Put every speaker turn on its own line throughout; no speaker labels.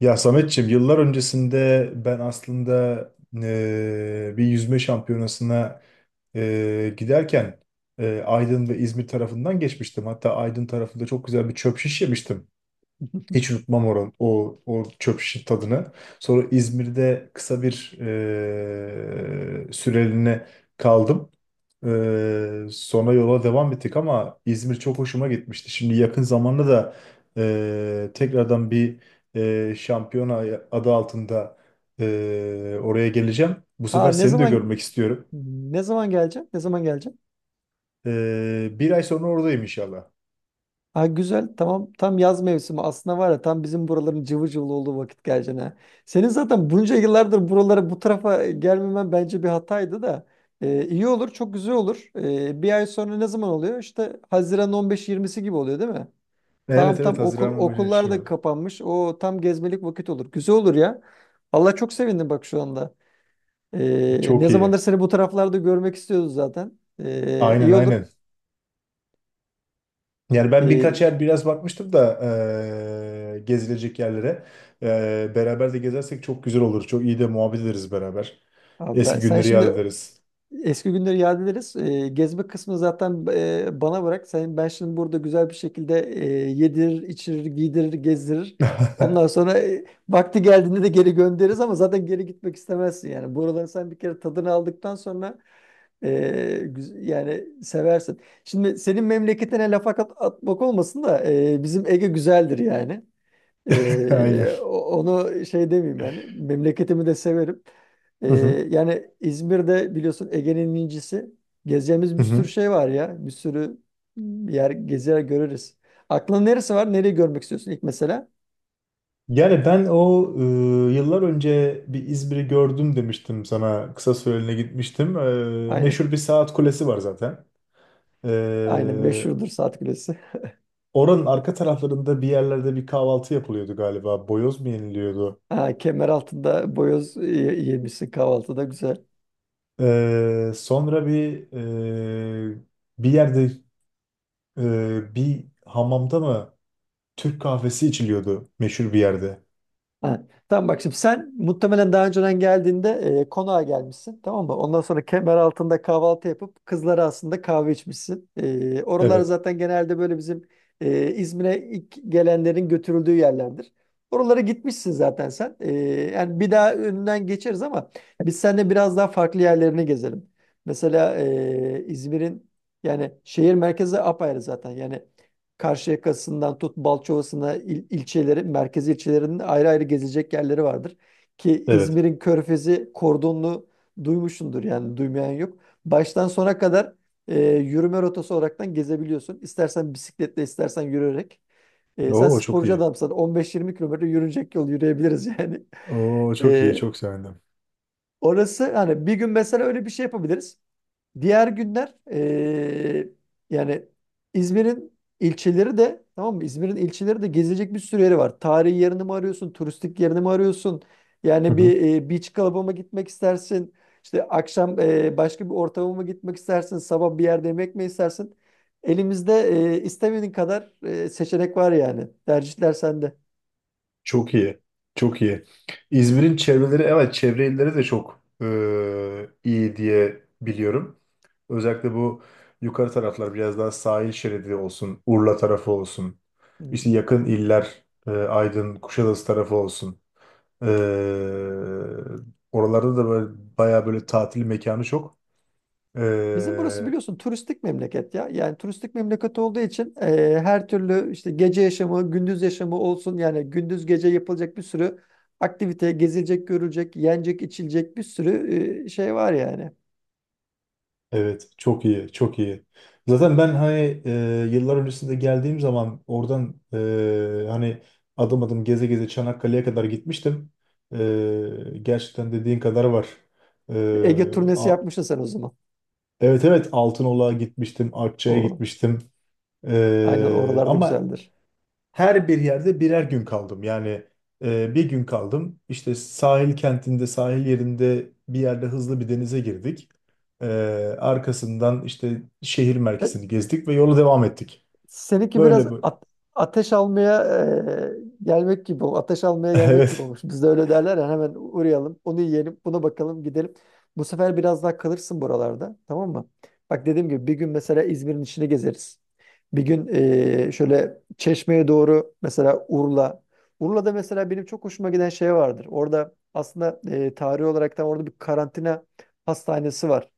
Ya Sametçiğim, yıllar öncesinde ben aslında bir yüzme şampiyonasına giderken Aydın ve İzmir tarafından geçmiştim. Hatta Aydın tarafında çok güzel bir çöp şiş yemiştim. Hiç unutmam o çöp şişin tadını. Sonra İzmir'de kısa bir süreliğine kaldım. Sonra yola devam ettik ama İzmir çok hoşuma gitmişti. Şimdi yakın zamanda da tekrardan bir şampiyona adı altında oraya geleceğim. Bu
Ha
sefer
ne
seni de görmek
zaman
istiyorum.
ne zaman geleceğim? Ne zaman geleceğim?
Bir ay sonra oradayım inşallah.
Ha güzel, tamam, tam yaz mevsimi aslında, var ya, tam bizim buraların cıvıl cıvıl olduğu vakit geleceksin ha. Senin zaten bunca yıllardır buralara, bu tarafa gelmemen bence bir hataydı da. İyi olur, çok güzel olur. Bir ay sonra ne zaman oluyor? İşte Haziran 15-20'si gibi oluyor değil mi? Tamam,
Evet, evet,
tam okul
Haziran başında
okullar da
şimdi.
kapanmış, o tam gezmelik vakit olur. Güzel olur ya. Allah, çok sevindim bak şu anda. Ne
Çok iyi.
zamandır seni bu taraflarda görmek istiyoruz zaten.
Aynen,
İyi olur.
aynen. Yani ben birkaç
Ee,
yer biraz bakmıştım da gezilecek yerlere. Beraber de gezersek çok güzel olur. Çok iyi de muhabbet ederiz beraber.
Abi ben,
Eski
sen
günleri yad
şimdi
ederiz.
eski günleri yad ederiz. Gezme kısmını zaten bana bırak. Sen, ben şimdi burada güzel bir şekilde yedirir, içirir, giydirir, gezdirir. Ondan sonra vakti geldiğinde de geri göndeririz, ama zaten geri gitmek istemezsin. Yani buraları sen bir kere tadını aldıktan sonra yani seversin. Şimdi senin memleketine atmak olmasın da, bizim Ege güzeldir yani.
Aynen.
Onu şey demeyeyim, yani memleketimi de severim. Ee,
Hı hı.
Yani İzmir'de, biliyorsun, Ege'nin incisi. Gezeceğimiz
Hı
bir sürü
hı.
şey var ya. Bir sürü yer gezer görürüz. Aklın neresi var? Nereyi görmek istiyorsun ilk mesela?
Yani ben o yıllar önce bir İzmir'i gördüm demiştim sana. Kısa süreliğine gitmiştim.
Aynen.
Meşhur bir saat kulesi var zaten.
Aynen
E,
meşhurdur saat kulesi.
Oranın arka taraflarında bir yerlerde bir kahvaltı yapılıyordu galiba. Boyoz mu yeniliyordu?
Ha, Kemeraltı'nda yemişsin kahvaltıda, güzel.
Sonra bir e, bir yerde bir hamamda mı Türk kahvesi içiliyordu meşhur bir yerde.
Ha, tamam, bak şimdi sen muhtemelen daha önceden geldiğinde konağa gelmişsin, tamam mı? Ondan sonra kemer altında kahvaltı yapıp kızlara aslında kahve içmişsin. E, oralar
Evet.
zaten genelde böyle bizim İzmir'e ilk gelenlerin götürüldüğü yerlerdir. Oralara gitmişsin zaten sen. Yani bir daha önünden geçeriz, ama biz seninle biraz daha farklı yerlerini gezelim. Mesela İzmir'in, yani şehir merkezi apayrı zaten yani. Karşıyaka'sından tut Balçova'sına ilçeleri, merkezi ilçelerinin ayrı ayrı gezecek yerleri vardır. Ki
Evet.
İzmir'in Körfezi kordonlu, duymuşsundur yani, duymayan yok. Baştan sona kadar yürüme rotası olaraktan gezebiliyorsun. İstersen bisikletle, istersen yürüyerek. Sen
Oo, çok
sporcu
iyi.
adamsan 15-20 kilometre yürünecek yol yürüyebiliriz yani.
Oo, çok iyi.
E,
Çok sevindim.
Orası, hani bir gün mesela öyle bir şey yapabiliriz. Diğer günler yani İzmir'in ilçeleri de, tamam mı? İzmir'in ilçeleri de gezilecek bir sürü yeri var. Tarihi yerini mi arıyorsun? Turistik yerini mi arıyorsun?
Hı
Yani
hı.
bir beach club'a mı gitmek istersin? İşte akşam başka bir ortama mı gitmek istersin? Sabah bir yerde yemek mi istersin? Elimizde istemediğin kadar seçenek var yani. Tercihler sende.
Çok iyi. Çok iyi. İzmir'in çevreleri, evet, çevre illeri de çok iyi diye biliyorum. Özellikle bu yukarı taraflar biraz daha sahil şeridi olsun, Urla tarafı olsun. İşte
Hmm.
yakın iller, Aydın, Kuşadası tarafı olsun. E, Oralarda da böyle, bayağı böyle tatil mekanı çok. E,
Bizim burası biliyorsun turistik memleket ya. Yani turistik memleket olduğu için her türlü işte gece yaşamı, gündüz yaşamı olsun. Yani gündüz gece yapılacak bir sürü aktivite, gezilecek, görülecek, yenecek, içilecek bir sürü şey var yani.
Evet, çok iyi, çok iyi. Zaten ben hani yıllar öncesinde geldiğim zaman oradan hani adım adım geze geze Çanakkale'ye kadar gitmiştim. Gerçekten dediğin kadar var. E,
Bir Ege turnesi
a-
yapmışsın sen o zaman.
evet, evet, Altınoluk'a gitmiştim, Akçay'a
O,
gitmiştim.
aynen oralarda
Ama
güzeldir.
her bir yerde birer gün kaldım. Yani bir gün kaldım. İşte sahil kentinde, sahil yerinde bir yerde hızlı bir denize girdik. E, Arkasından işte şehir merkezini gezdik ve yola devam ettik.
Seninki biraz
Böyle bu.
ateş almaya gelmek gibi olmuş. Ateş almaya gelmek gibi
Evet.
olmuş. Bizde öyle derler ya, hemen uğrayalım, onu yiyelim, buna bakalım, gidelim. Bu sefer biraz daha kalırsın buralarda, tamam mı? Bak, dediğim gibi bir gün mesela İzmir'in içini gezeriz. Bir gün şöyle Çeşme'ye doğru, mesela Urla. Urla'da mesela benim çok hoşuma giden şey vardır. Orada aslında tarihi olarak da orada bir karantina hastanesi var.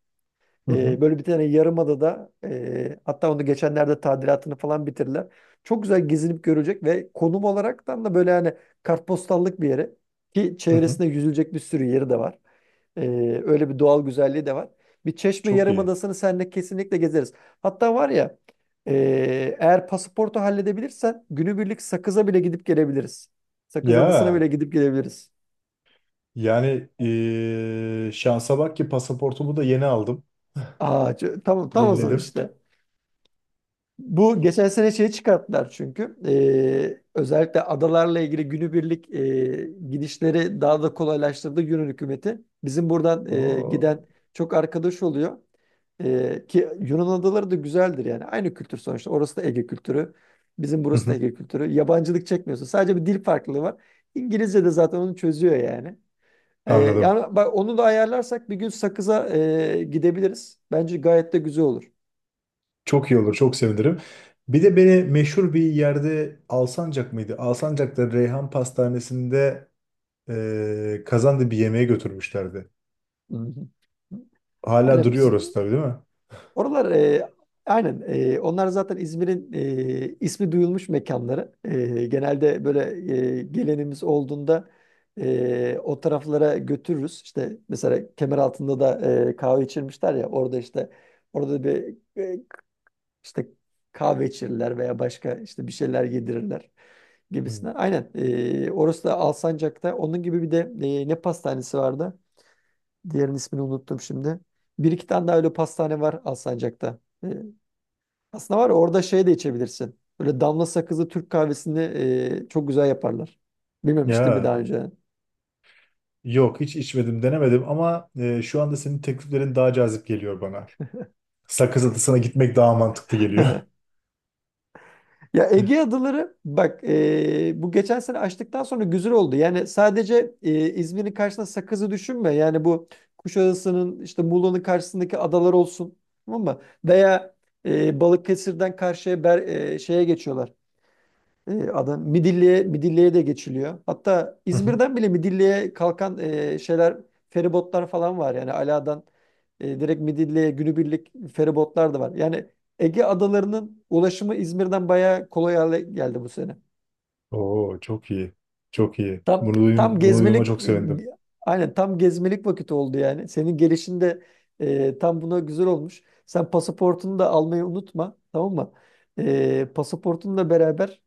Hı hı,
Böyle bir tane yarımadada, hatta onu geçenlerde tadilatını falan bitirdiler. Çok güzel, gezinip görülecek ve konum olaraktan da böyle, hani kartpostallık bir yere, ki
hı hı.
çevresinde yüzülecek bir sürü yeri de var. Öyle bir doğal güzelliği de var. Bir Çeşme
Çok iyi.
Yarımadası'nı seninle kesinlikle gezeriz. Hatta var ya, eğer pasaportu halledebilirsen günübirlik Sakız'a bile gidip gelebiliriz. Sakız Adası'na
Ya
bile gidip gelebiliriz.
yani şansa bak ki pasaportumu da yeni aldım.
Tamam, tam o zaman
Yeniledim.
işte. Bu geçen sene şeyi çıkarttılar çünkü. Özellikle adalarla ilgili günübirlik gidişleri daha da kolaylaştırdı Yunan hükümeti. Bizim buradan giden
Oo.
çok arkadaş oluyor. Ki Yunan adaları da güzeldir yani. Aynı kültür sonuçta. Orası da Ege kültürü. Bizim
Hı
burası da
hı,
Ege kültürü. Yabancılık çekmiyorsun. Sadece bir dil farklılığı var. İngilizce de zaten onu çözüyor yani.
anladım.
Yani bak, onu da ayarlarsak bir gün Sakız'a gidebiliriz. Bence gayet de güzel olur.
Çok iyi olur, çok sevinirim. Bir de beni meşhur bir yerde, Alsancak mıydı? Alsancak'ta Reyhan Pastanesi'nde kazandı bir yemeğe götürmüşlerdi.
Hı hı.
Hala
Hani biz,
duruyoruz tabii, değil mi?
oralar aynen, onlar zaten İzmir'in ismi duyulmuş mekanları. E, genelde böyle gelenimiz olduğunda o taraflara götürürüz. İşte mesela Kemeraltı'nda da kahve içirmişler ya orada, işte orada bir işte kahve içirirler veya başka işte bir şeyler yedirirler
Hmm.
gibisine. Aynen, orası da Alsancak'ta onun gibi bir de ne pastanesi vardı? Diğerinin ismini unuttum şimdi. Bir iki tane daha öyle pastane var Alsancak'ta. Aslında var ya, orada şey de içebilirsin. Böyle damla sakızlı Türk kahvesini çok güzel yaparlar. Bilmemiştim mi
Ya
daha önce?
yok, hiç içmedim, denemedim ama şu anda senin tekliflerin daha cazip geliyor bana. Sakız Adası'na gitmek daha mantıklı geliyor.
Ya Ege adaları bak, bu geçen sene açtıktan sonra güzel oldu. Yani sadece İzmir'in karşısına Sakız'ı düşünme. Yani bu Kuşadası'nın, işte Muğla'nın karşısındaki adalar olsun. Tamam mı? Veya Balıkesir'den karşıya şeye geçiyorlar. E, adam Midilli'ye de geçiliyor. Hatta
Hı hı.
İzmir'den bile Midilli'ye kalkan şeyler, feribotlar falan var. Yani Ala'dan direkt Midilli'ye günübirlik feribotlar da var. Yani Ege adalarının ulaşımı İzmir'den bayağı kolay hale geldi bu sene.
Oo, çok iyi. Çok iyi.
Tam
Bunu, duy-
tam
bunu duyduğuma
gezmelik
çok sevindim.
aynen, tam gezmelik vakit oldu yani. Senin gelişin de tam buna güzel olmuş. Sen pasaportunu da almayı unutma, tamam mı? Pasaportunla beraber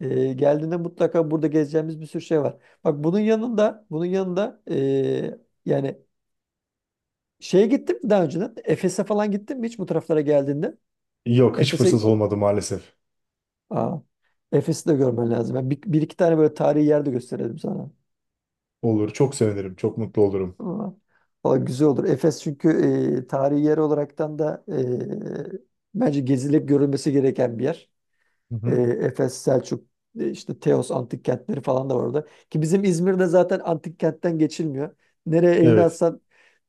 geldiğinde mutlaka burada gezeceğimiz bir sürü şey var. Bak, bunun yanında bunun yanında yani şeye gittin mi daha önceden? Efes'e falan gittin mi hiç bu taraflara geldiğinde?
Yok, hiç
Efes'e,
fırsat olmadı maalesef.
aa, Efes'i de görmen lazım. Ben bir, bir iki tane böyle tarihi yer de gösterelim sana.
Olur, çok sevinirim. Çok mutlu olurum.
Ama valla güzel olur. Efes çünkü tarihi yer olaraktan da bence gezilip görülmesi gereken bir yer.
Hı
E,
hı.
Efes, Selçuk, işte Teos antik kentleri falan da var orada. Ki bizim İzmir'de zaten antik kentten geçilmiyor. Nereye elini
Evet.
atsan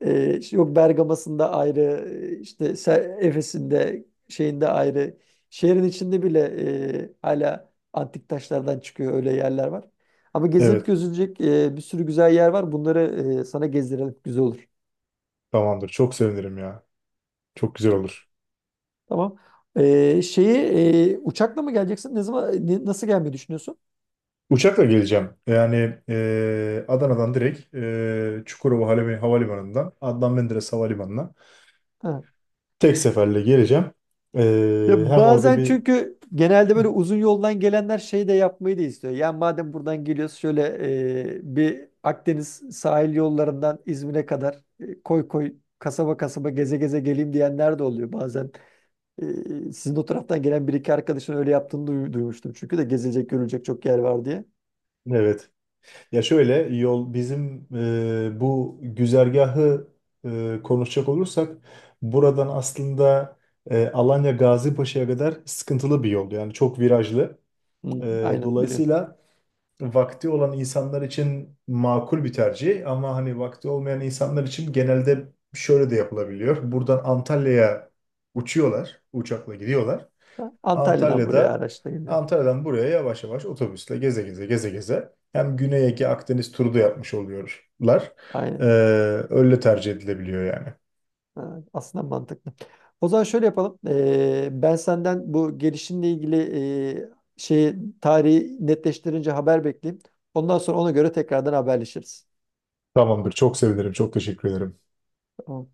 işte yok Bergama'sında ayrı, Efes'inde, şeyinde ayrı. Şehrin içinde bile hala antik taşlardan çıkıyor, öyle yerler var. Ama gezilip
Evet.
gözülecek bir sürü güzel yer var. Bunları sana gezdirelim. Güzel olur.
Tamamdır. Çok sevinirim ya. Çok güzel olur.
Tamam. Şeyi, uçakla mı geleceksin? Ne zaman nasıl gelmeyi düşünüyorsun?
Uçakla geleceğim. Yani Adana'dan direkt Çukurova Havalimanı'ndan Adnan Menderes Havalimanı'na
Ha.
tek seferle geleceğim. E,
Ya
Hem orada
bazen
bir...
çünkü genelde böyle uzun yoldan gelenler şey de yapmayı da istiyor. Yani madem buradan geliyoruz, şöyle bir Akdeniz sahil yollarından İzmir'e kadar koy koy, kasaba kasaba geze geze geleyim diyenler de oluyor. Bazen sizin o taraftan gelen bir iki arkadaşın öyle yaptığını duymuştum. Çünkü de gezilecek görülecek çok yer var diye.
Evet. Ya, şöyle yol bizim bu güzergahı konuşacak olursak buradan aslında Alanya Gazipaşa'ya kadar sıkıntılı bir yol. Yani çok virajlı.
Hı, aynen biliyorum.
Dolayısıyla vakti olan insanlar için makul bir tercih ama hani vakti olmayan insanlar için genelde şöyle de yapılabiliyor. Buradan Antalya'ya uçuyorlar, uçakla gidiyorlar.
Ha, Antalya'dan buraya
Antalya'da
araçla geliyor.
Antalya'dan buraya yavaş yavaş otobüsle geze geze geze geze hem Güney Ege Akdeniz turu da yapmış oluyorlar. Ee,
Aynen.
Öyle tercih edilebiliyor yani.
Ha, aslında mantıklı. O zaman şöyle yapalım. Ben senden bu gelişinle ilgili e, şeyi, tarihi netleştirince haber bekleyeyim. Ondan sonra ona göre tekrardan haberleşiriz.
Tamamdır. Çok sevinirim. Çok teşekkür ederim.
Tamam.